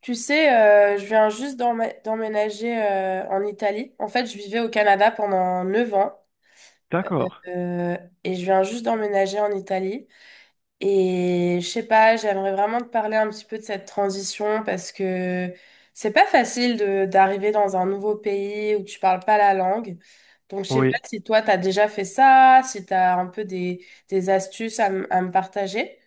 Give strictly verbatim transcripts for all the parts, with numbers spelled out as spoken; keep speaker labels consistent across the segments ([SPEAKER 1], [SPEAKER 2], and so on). [SPEAKER 1] Tu sais, euh, je viens juste d'emmé- d'emménager euh, en Italie. En fait, je vivais au Canada pendant neuf ans
[SPEAKER 2] D'accord,
[SPEAKER 1] euh, et je viens juste d'emménager en Italie. Et je sais pas, j'aimerais vraiment te parler un petit peu de cette transition parce que c'est pas facile de d'arriver dans un nouveau pays où tu parles pas la langue. Donc, je sais pas
[SPEAKER 2] oui,
[SPEAKER 1] si toi, t'as déjà fait ça, si t'as un peu des, des astuces à, m- à me partager.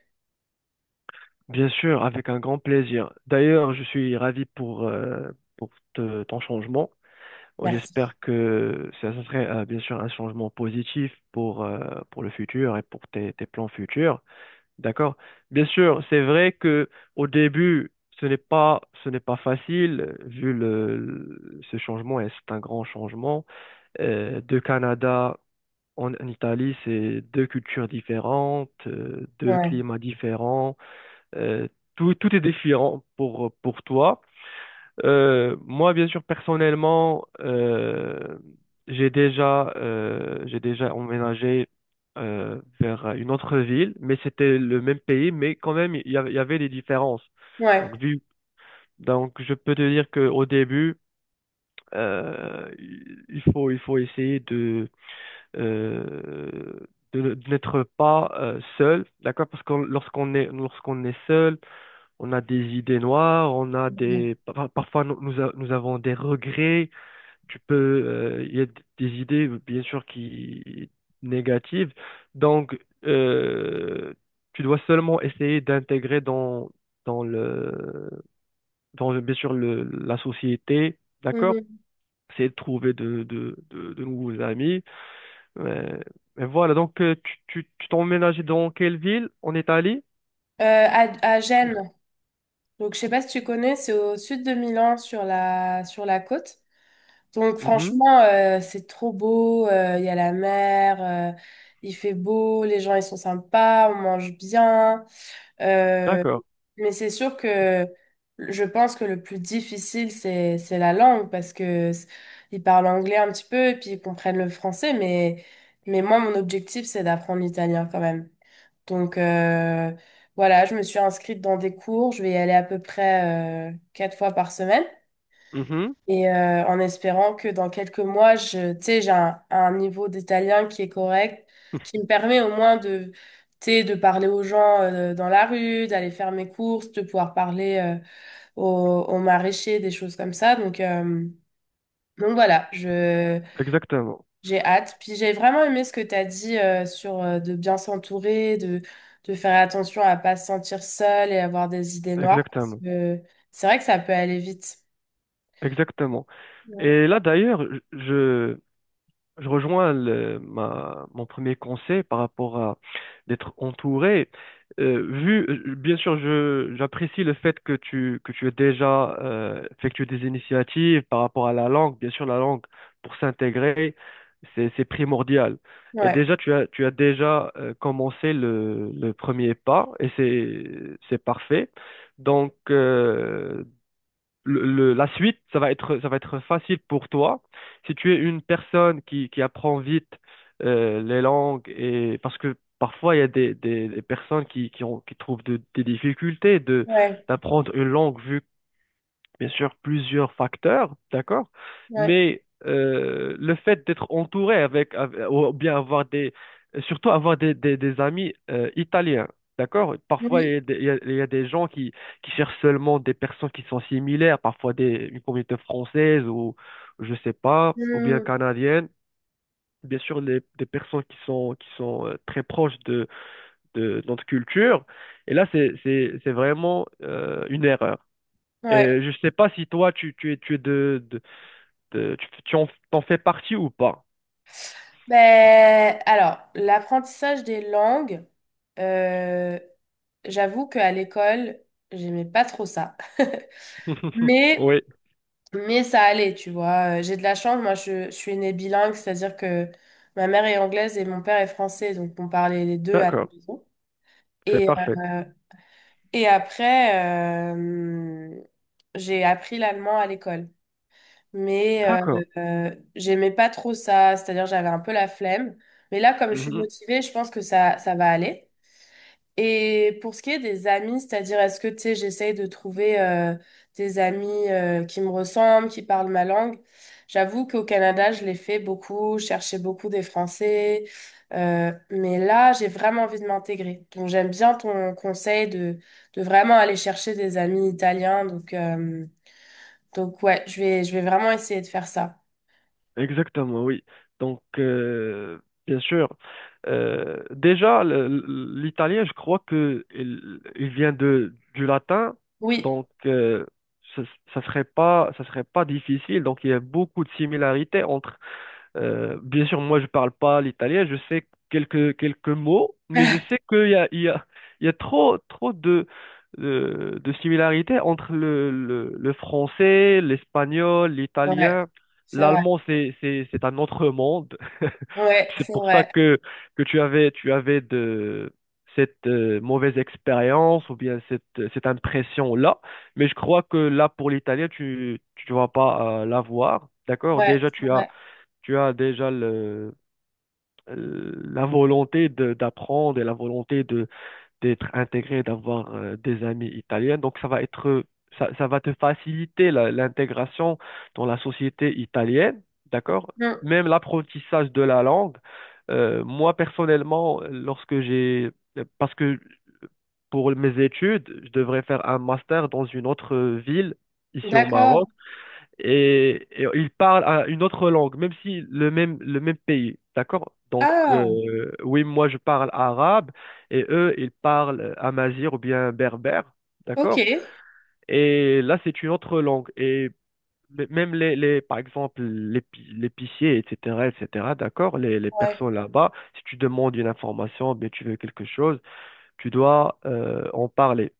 [SPEAKER 2] bien sûr, avec un grand plaisir. D'ailleurs, je suis ravi pour, euh, pour te- ton changement. Oh,
[SPEAKER 1] Merci.
[SPEAKER 2] j'espère que ça, ça serait euh, bien sûr un changement positif pour, euh, pour le futur et pour tes, tes plans futurs. D'accord? Bien sûr, c'est vrai que au début, ce n'est pas, ce n'est pas facile, vu le, le- ce changement, et c'est un grand changement. Euh, de Canada en, en Italie, c'est deux cultures différentes, euh, deux
[SPEAKER 1] Ouais.
[SPEAKER 2] climats différents. Euh, tout, tout est différent pour, pour toi. Euh, moi, bien sûr, personnellement, euh, j'ai déjà, euh, j'ai déjà emménagé euh, vers une autre ville, mais c'était le même pays, mais quand même, il y, a- il y avait des différences.
[SPEAKER 1] Ouais.
[SPEAKER 2] Donc, vu, donc, je peux te dire qu'au début, euh, il faut, il faut essayer de, euh, de, ne- de n'être pas euh, seul, d'accord? Parce que lorsqu'on est, lorsqu'on est seul, on a des idées noires, on a
[SPEAKER 1] Ouais.
[SPEAKER 2] des pa- parfois nous, nous a- nous avons des regrets. Tu peux, euh, il y a des idées bien sûr qui négatives. Donc euh, tu dois seulement essayer d'intégrer dans dans le dans le- bien sûr le, la société, d'accord?
[SPEAKER 1] Mhm.
[SPEAKER 2] Essayer de trouver de de, de, de nouveaux amis. Mais, mais voilà. Donc euh, tu tu tu t'es emménagé dans quelle ville en Italie?
[SPEAKER 1] Euh, à, à Gênes. Donc, je sais pas si tu connais, c'est au sud de Milan, sur la, sur la côte. Donc,
[SPEAKER 2] Mhm.
[SPEAKER 1] franchement, euh, c'est trop beau. euh, Il y a la mer, euh, il fait beau, les gens, ils sont sympas, on mange bien. Euh,
[SPEAKER 2] D'accord.
[SPEAKER 1] mais c'est sûr que je pense que le plus difficile, c'est, c'est la langue parce que c- ils parlent anglais un petit peu et puis ils comprennent le français. Mais, mais moi, mon objectif, c'est d'apprendre l'italien quand même. Donc euh, voilà, je me suis inscrite dans des cours. Je vais y aller à peu près euh, quatre fois par semaine.
[SPEAKER 2] Mhm.
[SPEAKER 1] Et euh, en espérant que dans quelques mois, je, tu sais, j'ai un, un niveau d'italien qui est correct, qui me permet au moins de, tu sais, de parler aux gens euh, dans la rue, d'aller faire mes courses, de pouvoir parler euh, aux, aux maraîchers, des choses comme ça. Donc, euh, donc voilà, je,
[SPEAKER 2] Exactement.
[SPEAKER 1] j'ai hâte. Puis j'ai vraiment aimé ce que tu as dit euh, sur euh, de bien s'entourer, de, de faire attention à pas se sentir seul et avoir des idées noires. Parce
[SPEAKER 2] Exactement.
[SPEAKER 1] que c'est vrai que ça peut aller vite.
[SPEAKER 2] Exactement.
[SPEAKER 1] Ouais,
[SPEAKER 2] Et là, d'ailleurs, je, je rejoins le- ma, mon premier conseil par rapport à d'être entouré. Euh, vu, euh, bien sûr, je, j'apprécie le fait que tu, que tu aies déjà euh, effectué des initiatives par rapport à la langue. Bien sûr, la langue, pour s'intégrer, c'est, c'est primordial. Et
[SPEAKER 1] ouais,
[SPEAKER 2] déjà, tu as, tu as déjà euh, commencé le, le premier pas et c'est, c'est parfait. Donc, euh, le- le- la suite, ça va être, ça va être facile pour toi. Si tu es une personne qui, qui apprend vite euh, les langues, et parce que parfois il y a des, des, des personnes qui, qui ont, qui trouvent de- des difficultés de,
[SPEAKER 1] ouais.
[SPEAKER 2] d'apprendre une langue vu bien sûr plusieurs facteurs, d'accord?
[SPEAKER 1] Ouais.
[SPEAKER 2] Mais euh, le fait d'être entouré avec, avec- ou bien avoir des, surtout avoir des, des, des amis euh, italiens, d'accord? Parfois, il y
[SPEAKER 1] Oui.
[SPEAKER 2] a des, il y a- il y a des gens qui, qui cherchent seulement des personnes qui sont similaires, parfois des, une communauté française ou je sais pas, ou bien
[SPEAKER 1] Hmm,
[SPEAKER 2] canadienne. Bien sûr, les, des personnes qui sont, qui sont euh, très proches de, de notre culture. Et là, c'est, c'est, c'est vraiment euh, une erreur.
[SPEAKER 1] ouais.
[SPEAKER 2] Et je sais pas si toi, tu, tu es, tu es de, de- de- tu, tu en, t'en fais partie ou pas.
[SPEAKER 1] Ben, alors, l'apprentissage des langues, euh, j'avoue qu'à l'école, j'aimais pas trop ça.
[SPEAKER 2] Oui,
[SPEAKER 1] Mais Mais ça allait, tu vois. Euh, J'ai de la chance, moi je, je suis née bilingue, c'est-à-dire que ma mère est anglaise et mon père est français, donc on parlait les deux à la
[SPEAKER 2] d'accord,
[SPEAKER 1] maison.
[SPEAKER 2] c'est
[SPEAKER 1] Et,
[SPEAKER 2] parfait.
[SPEAKER 1] euh, et après, euh, j'ai appris l'allemand à l'école. Mais euh,
[SPEAKER 2] D'accord.
[SPEAKER 1] euh, j'aimais pas trop ça, c'est-à-dire j'avais un peu la flemme. Mais là, comme je suis
[SPEAKER 2] Mhm.
[SPEAKER 1] motivée, je pense que ça, ça va aller. Et pour ce qui est des amis, c'est-à-dire est-ce que tu sais, j'essaye de trouver euh, des amis euh, qui me ressemblent, qui parlent ma langue. J'avoue qu'au Canada, je l'ai fait beaucoup, je cherchais beaucoup des Français, euh, mais là, j'ai vraiment envie de m'intégrer. Donc j'aime bien ton conseil de, de vraiment aller chercher des amis italiens. Donc, euh, donc ouais, je vais, je vais vraiment essayer de faire ça.
[SPEAKER 2] Exactement, oui. Donc, euh, bien sûr, euh, déjà, le- le- l'italien, je crois que il, il vient de, du latin,
[SPEAKER 1] Oui,
[SPEAKER 2] donc euh, ça, ça serait pas, ça serait pas difficile. Donc, il y a beaucoup de similarités entre euh, bien sûr, moi, je parle pas l'italien, je sais quelques, quelques mots, mais je sais qu'il y a, il y a, il y a trop, trop de, de, de similarités entre le, le, le français, l'espagnol,
[SPEAKER 1] ouais,
[SPEAKER 2] l'italien.
[SPEAKER 1] c'est vrai.
[SPEAKER 2] L'allemand, c'est, c'est, c'est un autre monde.
[SPEAKER 1] Ouais,
[SPEAKER 2] C'est
[SPEAKER 1] c'est
[SPEAKER 2] pour ça
[SPEAKER 1] vrai.
[SPEAKER 2] que, que tu avais, tu avais de, cette euh, mauvaise expérience ou bien cette, cette impression-là. Mais je crois que là, pour l'italien, tu, tu vas pas euh, l'avoir. D'accord?
[SPEAKER 1] Ouais,
[SPEAKER 2] Déjà,
[SPEAKER 1] c'est
[SPEAKER 2] tu as
[SPEAKER 1] vrai.
[SPEAKER 2] tu as déjà le, euh, la volonté de- d'apprendre et la volonté de d'être intégré, d'avoir euh, des amis italiens. Donc ça va être ça, ça va te faciliter la- l'intégration dans la société italienne, d'accord?
[SPEAKER 1] Hmm,
[SPEAKER 2] Même l'apprentissage de la langue. Euh, moi personnellement, lorsque j'ai parce que pour mes études, je devrais faire un master dans une autre ville ici au
[SPEAKER 1] d'accord.
[SPEAKER 2] Maroc et, et ils parlent à une autre langue, même si le même, le même pays, d'accord? Donc,
[SPEAKER 1] Ah,
[SPEAKER 2] euh, oui, moi, je parle arabe et eux, ils parlent amazigh ou bien berbère,
[SPEAKER 1] ok.
[SPEAKER 2] d'accord? Et là, c'est une autre langue. Et m- même les, les par exemple, l'épi- l'épicier, et cætera, et cætera, d'accord? Les, les
[SPEAKER 1] Ouais.
[SPEAKER 2] personnes là-bas, si tu demandes une information, bien, tu veux quelque chose, tu dois euh, en parler.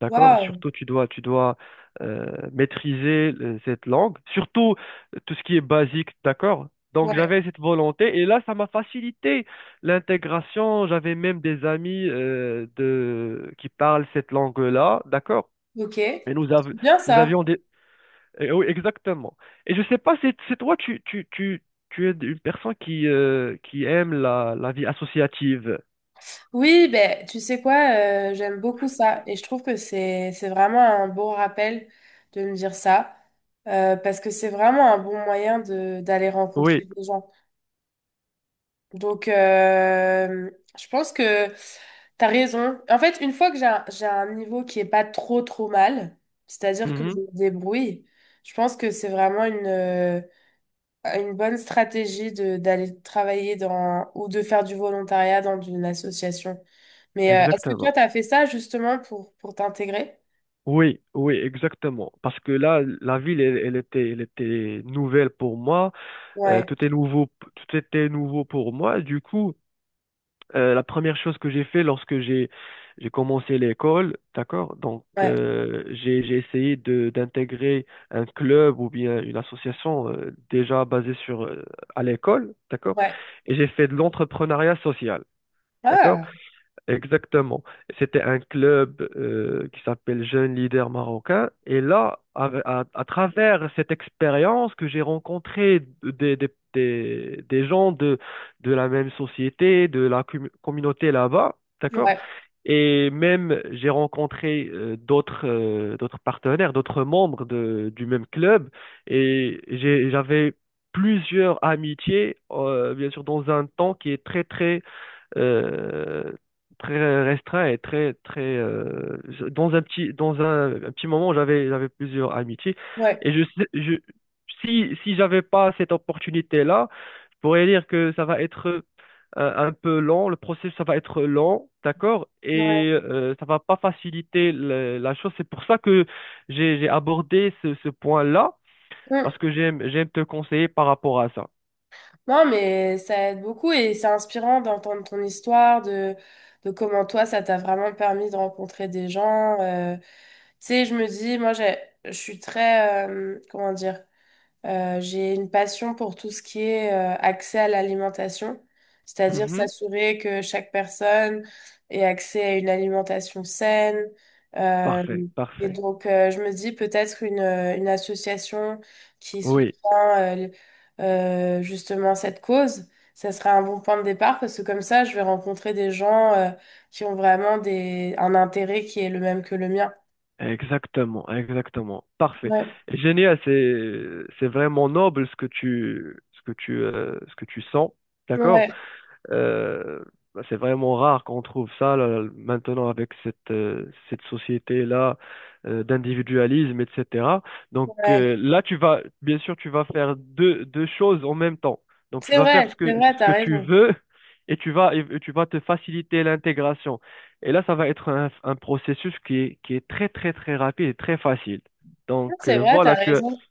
[SPEAKER 2] D'accord?
[SPEAKER 1] Waouh.
[SPEAKER 2] Surtout, tu dois, tu dois euh, maîtriser euh, cette langue, surtout euh, tout ce qui est basique, d'accord? Donc,
[SPEAKER 1] Ouais.
[SPEAKER 2] j'avais cette volonté et là, ça m'a facilité l'intégration. J'avais même des amis euh, de... qui parlent cette langue-là, d'accord?
[SPEAKER 1] Ok. C'est
[SPEAKER 2] Et nous, av-
[SPEAKER 1] bien
[SPEAKER 2] nous
[SPEAKER 1] ça.
[SPEAKER 2] avions des... eh oui, exactement. Et je sais pas, c'est c'est toi, tu, tu, tu, tu es une personne qui, euh, qui aime la, la vie associative.
[SPEAKER 1] Oui, ben, tu sais quoi, euh, j'aime beaucoup ça. Et je trouve que c'est, c'est vraiment un bon rappel de me dire ça. Euh, parce que c'est vraiment un bon moyen de, d'aller rencontrer
[SPEAKER 2] Oui,
[SPEAKER 1] des gens. Donc, euh, je pense que t'as raison. En fait, une fois que j'ai un, j'ai un niveau qui est pas trop, trop mal, c'est-à-dire que je
[SPEAKER 2] mhm.
[SPEAKER 1] me débrouille, je pense que c'est vraiment une, une bonne stratégie de d'aller travailler dans ou de faire du volontariat dans une association. Mais euh, est-ce que toi,
[SPEAKER 2] Exactement.
[SPEAKER 1] tu as fait ça justement pour, pour t'intégrer?
[SPEAKER 2] Oui, oui, exactement. Parce que là, la ville, elle, elle était, elle était nouvelle pour moi. Euh,
[SPEAKER 1] Ouais,
[SPEAKER 2] tout est nouveau, tout était nouveau pour moi. Du coup, euh, la première chose que j'ai fait lorsque j'ai, j'ai commencé l'école, d'accord? Donc,
[SPEAKER 1] ouais,
[SPEAKER 2] euh, j'ai, j'ai essayé de, d'intégrer un club ou bien une association euh, déjà basée sur, euh, à l'école, d'accord?
[SPEAKER 1] ouais.
[SPEAKER 2] Et j'ai fait de l'entrepreneuriat social, d'accord?
[SPEAKER 1] Ah,
[SPEAKER 2] Exactement. C'était un club euh, qui s'appelle Jeunes Leaders Marocains. Et là, à, à- à travers cette expérience que j'ai rencontré des, des, des, des gens de, de la même société, de la com- communauté là-bas, d'accord?
[SPEAKER 1] ouais,
[SPEAKER 2] Et même, j'ai rencontré euh, d'autres euh, d'autres partenaires, d'autres membres de, du même club. Et j'ai- j'avais plusieurs amitiés, euh, bien sûr, dans un temps qui est très, très euh, très restreint et très très euh, je- dans un petit dans un, un petit moment j'avais j'avais plusieurs amitiés
[SPEAKER 1] ouais.
[SPEAKER 2] et je sais- je si si j'avais pas cette opportunité-là, je pourrais dire que ça va être euh, un peu lent, le processus ça va être lent, d'accord? Et
[SPEAKER 1] Ouais.
[SPEAKER 2] euh, ça va pas faciliter le- la chose. C'est pour ça que j'ai j'ai abordé ce, ce point-là
[SPEAKER 1] Mm.
[SPEAKER 2] parce que j'aime j'aime te conseiller par rapport à ça.
[SPEAKER 1] Non, mais ça aide beaucoup et c'est inspirant d'entendre ton histoire, de, de comment toi, ça t'a vraiment permis de rencontrer des gens. euh. Tu sais, je me dis, moi, j'ai, je suis très, euh, comment dire? Euh, j'ai une passion pour tout ce qui est euh, accès à l'alimentation, c'est-à-dire
[SPEAKER 2] Mhm.
[SPEAKER 1] s'assurer que chaque personne ait accès à une alimentation saine. Euh,
[SPEAKER 2] Parfait,
[SPEAKER 1] et
[SPEAKER 2] parfait.
[SPEAKER 1] donc, euh, je me dis peut-être une, euh, une association qui soutient
[SPEAKER 2] Oui.
[SPEAKER 1] euh, euh, justement cette cause, ça serait un bon point de départ parce que comme ça, je vais rencontrer des gens euh, qui ont vraiment des, un intérêt qui est le même que le mien.
[SPEAKER 2] Exactement, exactement. Parfait.
[SPEAKER 1] Ouais,
[SPEAKER 2] Génial, c'est c'est vraiment noble ce que tu ce que tu euh, ce que tu sens, d'accord?
[SPEAKER 1] ouais,
[SPEAKER 2] Euh, bah, c'est vraiment rare qu'on trouve ça là, maintenant avec cette, euh, cette société-là euh, d'individualisme, et cætera. Donc
[SPEAKER 1] ouais.
[SPEAKER 2] euh, là, tu vas, bien sûr, tu vas faire deux, deux choses en même temps. Donc tu
[SPEAKER 1] C'est
[SPEAKER 2] vas faire
[SPEAKER 1] vrai,
[SPEAKER 2] ce
[SPEAKER 1] c'est
[SPEAKER 2] que,
[SPEAKER 1] vrai,
[SPEAKER 2] ce
[SPEAKER 1] t'as
[SPEAKER 2] que tu
[SPEAKER 1] raison.
[SPEAKER 2] veux et tu vas, et tu vas te faciliter l'intégration. Et là, ça va être un, un processus qui est, qui est très, très, très rapide et très facile. Donc
[SPEAKER 1] C'est
[SPEAKER 2] euh,
[SPEAKER 1] vrai, t'as
[SPEAKER 2] voilà, tu
[SPEAKER 1] raison.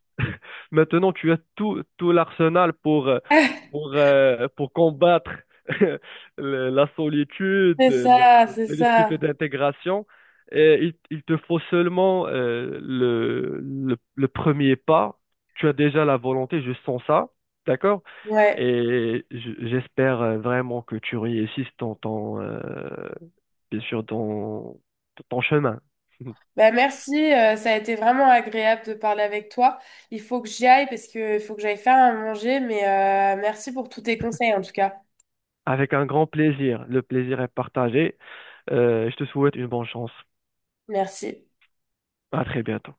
[SPEAKER 2] maintenant, tu as tout, tout l'arsenal pour, euh, pour, euh, pour combattre le- la solitude,
[SPEAKER 1] C'est
[SPEAKER 2] la-
[SPEAKER 1] ça, c'est
[SPEAKER 2] les
[SPEAKER 1] ça.
[SPEAKER 2] difficultés d'intégration. Et il, il te faut seulement euh, le, le, le premier pas. Tu as déjà la volonté, je sens ça, d'accord?
[SPEAKER 1] Ouais.
[SPEAKER 2] Et j- j'espère euh, vraiment que tu réussisses dans ton, euh, bien sûr, dans ton chemin.
[SPEAKER 1] Bah, merci, euh, ça a été vraiment agréable de parler avec toi. Il faut que j'y aille parce que il faut que j'aille faire à manger, mais euh, merci pour tous tes conseils en tout cas.
[SPEAKER 2] Avec un grand plaisir. Le plaisir est partagé. Euh, je te souhaite une bonne chance.
[SPEAKER 1] Merci.
[SPEAKER 2] À très bientôt.